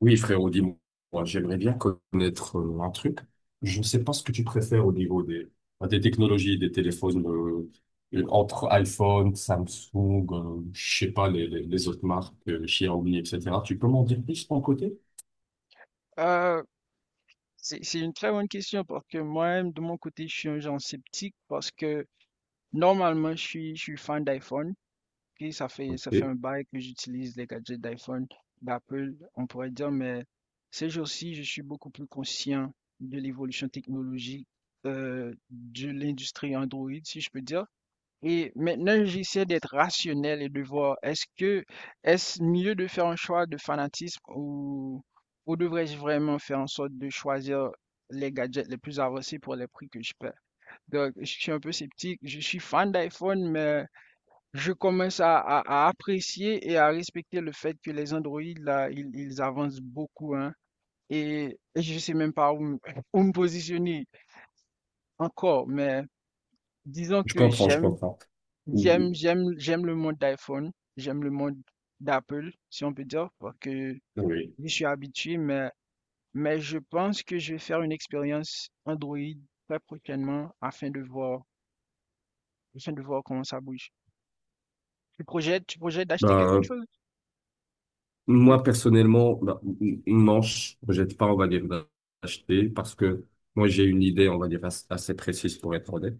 Oui, frérot, dis-moi, j'aimerais bien connaître un truc. Je ne sais pas ce que tu préfères au niveau enfin, des technologies, des téléphones, entre iPhone, Samsung, je sais pas, les autres marques, Xiaomi, etc. Tu peux m'en dire plus de ton côté? Euh, c'est une très bonne question parce que moi-même, de mon côté, je suis un genre sceptique parce que normalement, je suis fan d'iPhone. Et ça fait, Ok, ça fait un bail que j'utilise les gadgets d'iPhone, d'Apple, on pourrait dire, mais ces jours-ci, je suis beaucoup plus conscient de l'évolution technologique de l'industrie Android, si je peux dire. Et maintenant, j'essaie d'être rationnel et de voir, est-ce mieux de faire un choix de fanatisme ou devrais-je vraiment faire en sorte de choisir les gadgets les plus avancés pour les prix que je paie? Donc, je suis un peu sceptique. Je suis fan d'iPhone, mais je commence à apprécier et à respecter le fait que les Android, là, ils avancent beaucoup, hein. Et je sais même pas où, où me positionner encore, mais disons je que comprends, je j'aime. comprends. Oui. J'aime j'aime le monde d'iPhone, j'aime le monde d'Apple, si on peut dire, parce que Oui. je suis habitué, mais je pense que je vais faire une expérience Android très prochainement afin de voir comment ça bouge. Tu projettes d'acheter quelque Ben, chose? Tu- moi, personnellement, non, je ne projette pas, on va dire, d'acheter parce que moi, j'ai une idée, on va dire, assez assez précise pour être honnête.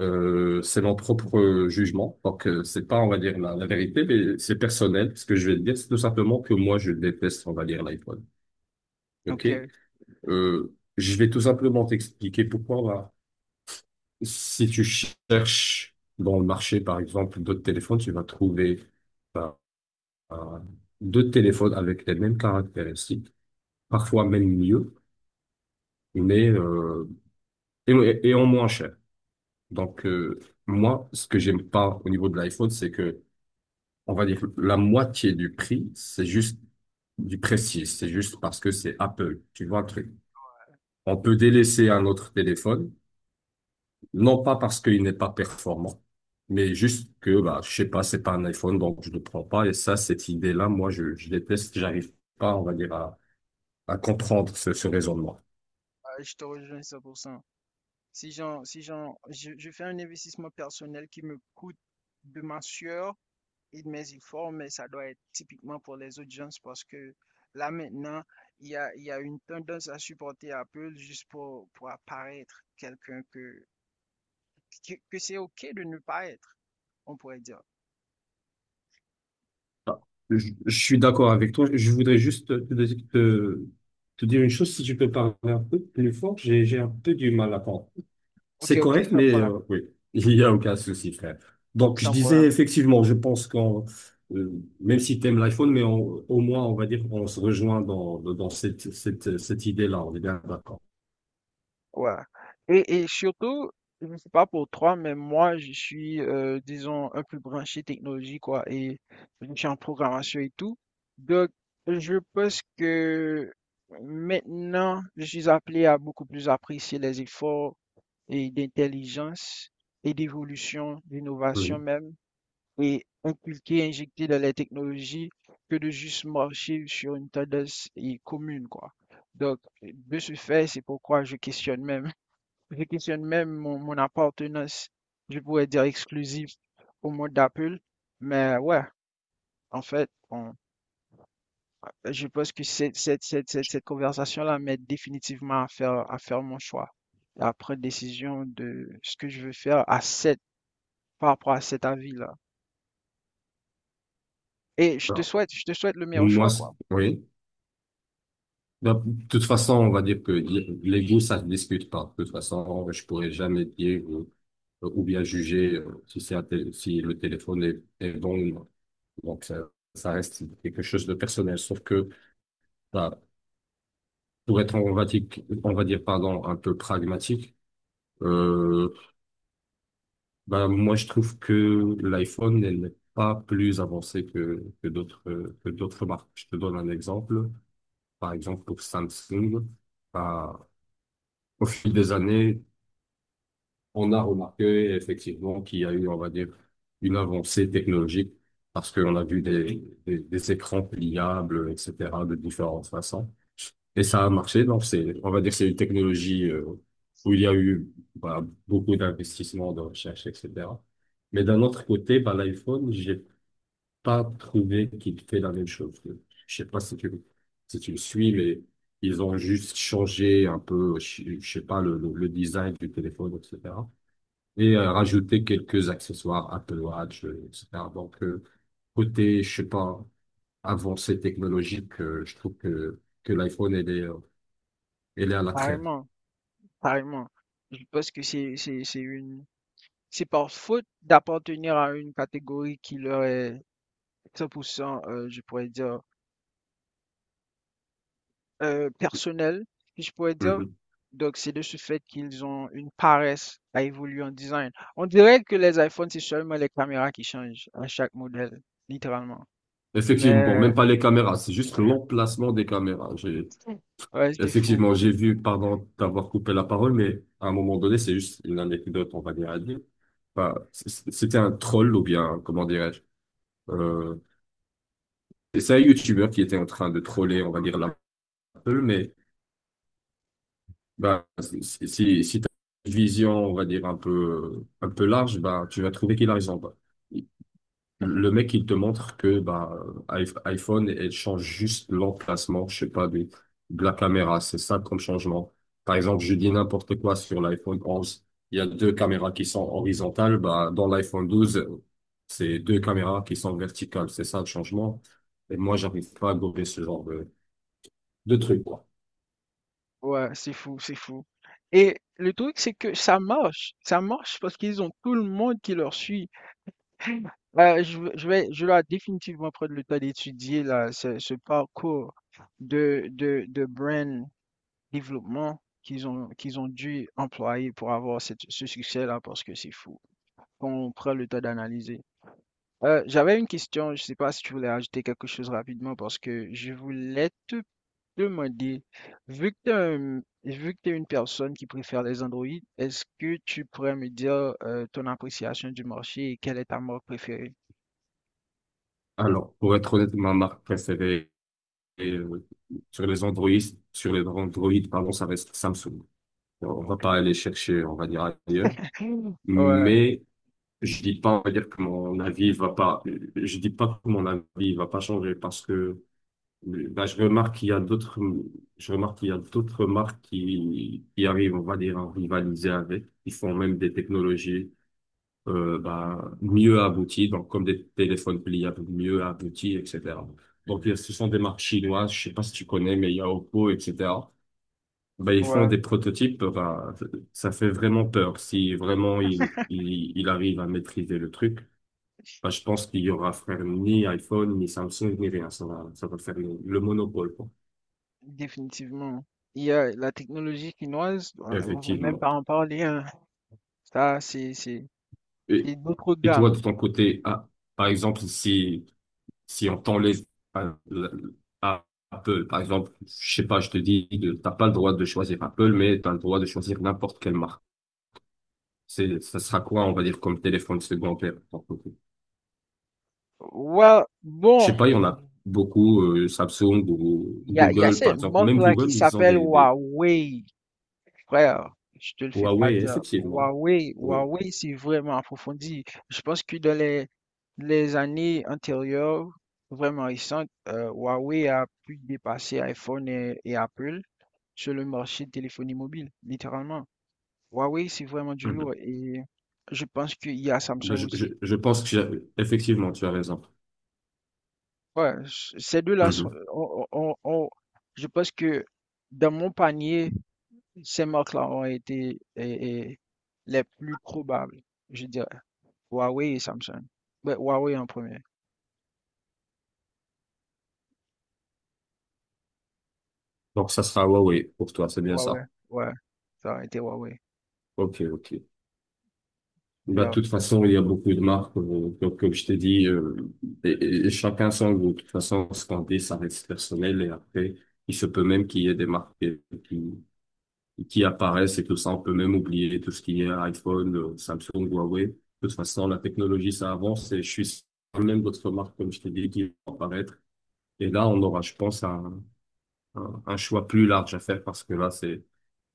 C'est mon propre jugement. Donc, c'est pas, on va dire, la vérité, mais c'est personnel. Ce que je vais te dire, c'est tout simplement que moi, je déteste, on va dire, l'iPhone. OK? Ok, Je vais tout simplement t'expliquer pourquoi. Bah, si tu cherches dans le marché, par exemple, d'autres téléphones, tu vas trouver bah, un- deux téléphones avec les mêmes caractéristiques, parfois même mieux, mais euh, et en moins cher. Donc, moi, ce que j'aime pas au niveau de l'iPhone, c'est que on va dire la moitié du prix, c'est juste du prestige, c'est juste parce que c'est Apple, tu vois le truc. On peut délaisser un autre téléphone, non pas parce qu'il n'est pas performant, mais juste que bah je sais pas, c'est pas un iPhone donc je ne le prends pas et ça cette idée-là moi je déteste, j'arrive pas on va dire à comprendre ce raisonnement. je te rejoins 100%. Si j'en, si j'en, je fais un investissement personnel qui me coûte de ma sueur, mais il forme, ça doit être typiquement pour les audiences parce que là maintenant, il y a une tendance à supporter Apple juste pour apparaître quelqu'un que, que c'est OK de ne pas être, on pourrait dire. Ah, je suis d'accord avec toi, je voudrais juste te, te dire une chose si tu peux parler un peu plus fort, j'ai un peu du mal à comprendre. Ok, C'est ok, correct, sans mais problème, oui, il y a aucun souci, frère. Donc, je sans disais problème. effectivement, euh, même si tu aimes l'iPhone, mais au moins, on va dire qu'on se rejoint dans cette idée-là. On est bien d'accord. Ouais. Et surtout, je ne sais pas pour toi, mais moi, je suis, disons, un peu branché technologie, quoi, et je suis en programmation et tout. Donc, je pense que maintenant, je suis appelé à beaucoup plus apprécier les efforts et d'intelligence et d'évolution, d'innovation Oui. même, et inculquer, injecter dans les technologies que de juste marcher sur une tendance et commune, quoi. Donc, de ce fait, c'est pourquoi je questionne même mon, mon appartenance, je pourrais dire exclusive au monde d'Apple. Mais ouais, en fait, je pense que cette conversation-là m'aide définitivement à faire mon choix, à prendre décision de ce que je veux faire à cette, par rapport à cet avis-là. Alors, Je te souhaite le meilleur Moi, choix, c'est- quoi. oui. Ben, de toute façon, on va dire que les goûts, ça ne se discute pas. De toute façon, je pourrais jamais dire ou bien juger si c'est un si le téléphone est, est bon ou non. Donc, ça reste quelque chose de personnel. Sauf que, voilà, Pour être, on va dire, pardon, un peu pragmatique, euh, ben, moi, je trouve que l'iPhone, elle n'est pas plus avancée que d'autres marques. Je te donne un exemple. Par exemple, pour Samsung, ben, au fil des années, on a remarqué effectivement qu'il y a eu, on va dire, une avancée technologique parce qu'on a vu des écrans pliables, etc., de différentes façons. Et ça a marché, donc c'est, on va dire que c'est une technologie où il y a eu bah, beaucoup d'investissements, de recherche, etc. Mais d'un autre côté, bah, l'iPhone, j'ai pas trouvé qu'il fait la même chose. Je sais pas si tu, si tu le suis, mais ils ont juste changé un peu, je sais pas, le design du téléphone, etc. Et rajouté quelques accessoires, Apple Watch, etc. Donc, côté, je sais pas, avancée technologique, je trouve que l'iPhone, elle est à la traîne. Pareillement, pareillement. Je pense que c'est par faute d'appartenir à une catégorie qui leur est 100 je pourrais dire, personnelle, si je pourrais dire. Mhm. Donc c'est de ce fait qu'ils ont une paresse à évoluer en design. On dirait que les iPhones, c'est seulement les caméras qui changent à chaque modèle, littéralement. Effectivement, Mais même pas les caméras, c'est juste l'emplacement des caméras. Ouais, c'est fou, Effectivement, c'est j'ai vu, pardon d'avoir coupé la parole, mais à un moment donné, c'est juste une anecdote, on va dire, à dire. Enfin, c'était un troll, ou bien, comment dirais-je, euh, c'est un YouTuber qui était en train de troller, on va dire, l'Apple, mais bah, si tu une vision, on va dire, un peu large, bah, tu vas trouver qu'il a raison. Bah, le mec, il te montre que bah, iPhone, elle change juste l'emplacement, je sais pas, de la caméra. C'est ça comme changement. Par exemple, je dis n'importe quoi sur l'iPhone 11. Il y a deux caméras qui sont horizontales. Bah, dans l'iPhone 12, c'est deux caméras qui sont verticales. C'est ça le changement. Et moi, j'arrive pas à gober ce genre de truc, quoi. ouais, c'est fou et le truc, c'est que ça marche parce qu'ils ont tout le monde qui leur suit. Bah, je dois définitivement prendre le temps d'étudier là ce, ce parcours de brand développement qu'ils ont dû employer pour avoir ce succès-là parce que c'est fou. Quand on prend le temps d'analyser. J'avais une question, je sais pas si tu voulais ajouter quelque chose rapidement parce que je voulais te demander, vu que t'es une personne qui préfère les Android, est-ce que tu pourrais me dire ton appréciation du marché et quelle est ta marque préférée? Alors, pour être honnête, ma marque préférée euh, sur les Android, sur les Android, pardon, ça reste Samsung. On va Ok. pas aller chercher, on va dire ailleurs. Ouais, Mais je dis pas, on va dire que mon avis va pas, je dis pas que mon avis va pas changer parce que ben, je remarque qu'il y a d'autres marques qui arrivent, on va dire, à rivaliser avec, qui font même des technologies ben, mieux abouties, donc comme des téléphones pliables mieux aboutis, etc. Donc ce sont des marques chinoises, je sais pas si tu connais, mais il y a Oppo, etc. Bah, ils font ouais, des prototypes, bah, ça fait vraiment peur. Si vraiment il arrive à maîtriser le truc, bah, je pense qu'il y aura frère ni iPhone, ni Samsung, ni rien. Ça va faire le monopole, quoi. définitivement. Il y a la technologie chinoise, on va même Effectivement. pas en parler, hein. Ça, Et, c'est d'autres et toi, gammes. de ton côté, ah, par exemple, si, si on t'enlève à- à Apple, par exemple, je sais pas, je te dis, t'as pas le droit de choisir Apple, mais t'as le droit de choisir n'importe quelle marque. Ça sera quoi, on va dire, comme téléphone secondaire? Ouais, Je bon, sais pas, il y en il a beaucoup, Samsung ou il y a Google, par cette exemple. Même marque-là qui Google, ils ont s'appelle des Huawei. Frère, je te le fais pas Huawei, dire. effectivement. Oui. Huawei, c'est vraiment approfondi. Je pense que dans les années antérieures, vraiment récentes, Huawei a pu dépasser iPhone et Apple sur le marché de téléphonie mobile, littéralement. Huawei, c'est vraiment du Mhm. lourd. Et je pense qu'il y a Ben, Samsung aussi. je pense que effectivement, tu as raison. Ouais, c- ces deux-là, sont- Mhm. On- je pense que dans mon panier, ces marques-là ont été les plus probables, je dirais. Huawei et Samsung. Ouais, Huawei en premier. Donc, ça sera Huawei pour toi, c'est bien Huawei, ça. ouais, ça a été Huawei. Ok, ok. Bah, de Bien. toute façon, il y a beaucoup de marques, comme, comme je t'ai dit, et, et chacun son goût. De toute façon, ce qu'on dit, ça reste personnel et après, il se peut même qu'il y ait des marques qui, qui apparaissent et tout ça. On peut même oublier tout ce qui est iPhone, Samsung, Huawei. De toute façon, la technologie, ça avance et je suis sûr que même d'autres marques, comme je t'ai dit, qui vont apparaître. Et là, on aura, je pense, un choix plus large à faire parce que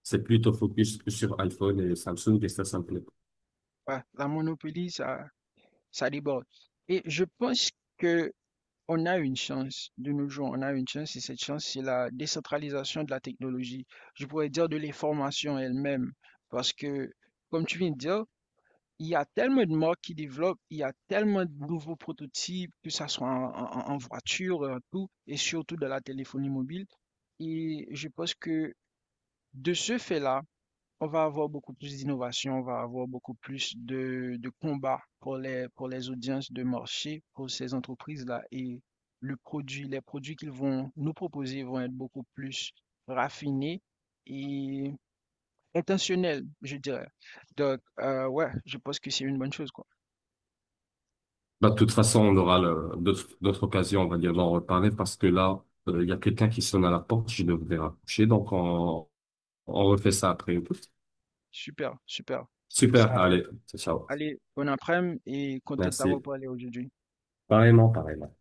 c'est plutôt focus que sur iPhone et Samsung et ça me plaît pas. Ouais, la monopolie, ça déborde. Et je pense que on a une chance de nos jours, on a une chance et cette chance, c'est la décentralisation de la technologie. Je pourrais dire de l'information elle-même, parce que, comme tu viens de dire, il y a tellement de marques qui développent, il y a tellement de nouveaux prototypes, que ça soit en, en voiture, en tout, et surtout dans la téléphonie mobile. Et je pense que de ce fait-là, on va avoir beaucoup plus d'innovation, on va avoir beaucoup plus de combats pour les audiences de marché, pour ces entreprises-là. Et les produits qu'ils vont nous proposer vont être beaucoup plus raffinés et intentionnels, je dirais. Donc, ouais, je pense que c'est une bonne chose, quoi. Bah, de toute façon, on aura d'autres, d'autres occasions, on va dire, d'en reparler parce que là, il y a quelqu'un qui sonne à la porte, je devrais raccrocher. Donc, on refait ça après. Super, super. Super, Ça, allez, ciao. allez, bon après-midi et content d'avoir Merci. parlé aujourd'hui. Pareillement, pareillement.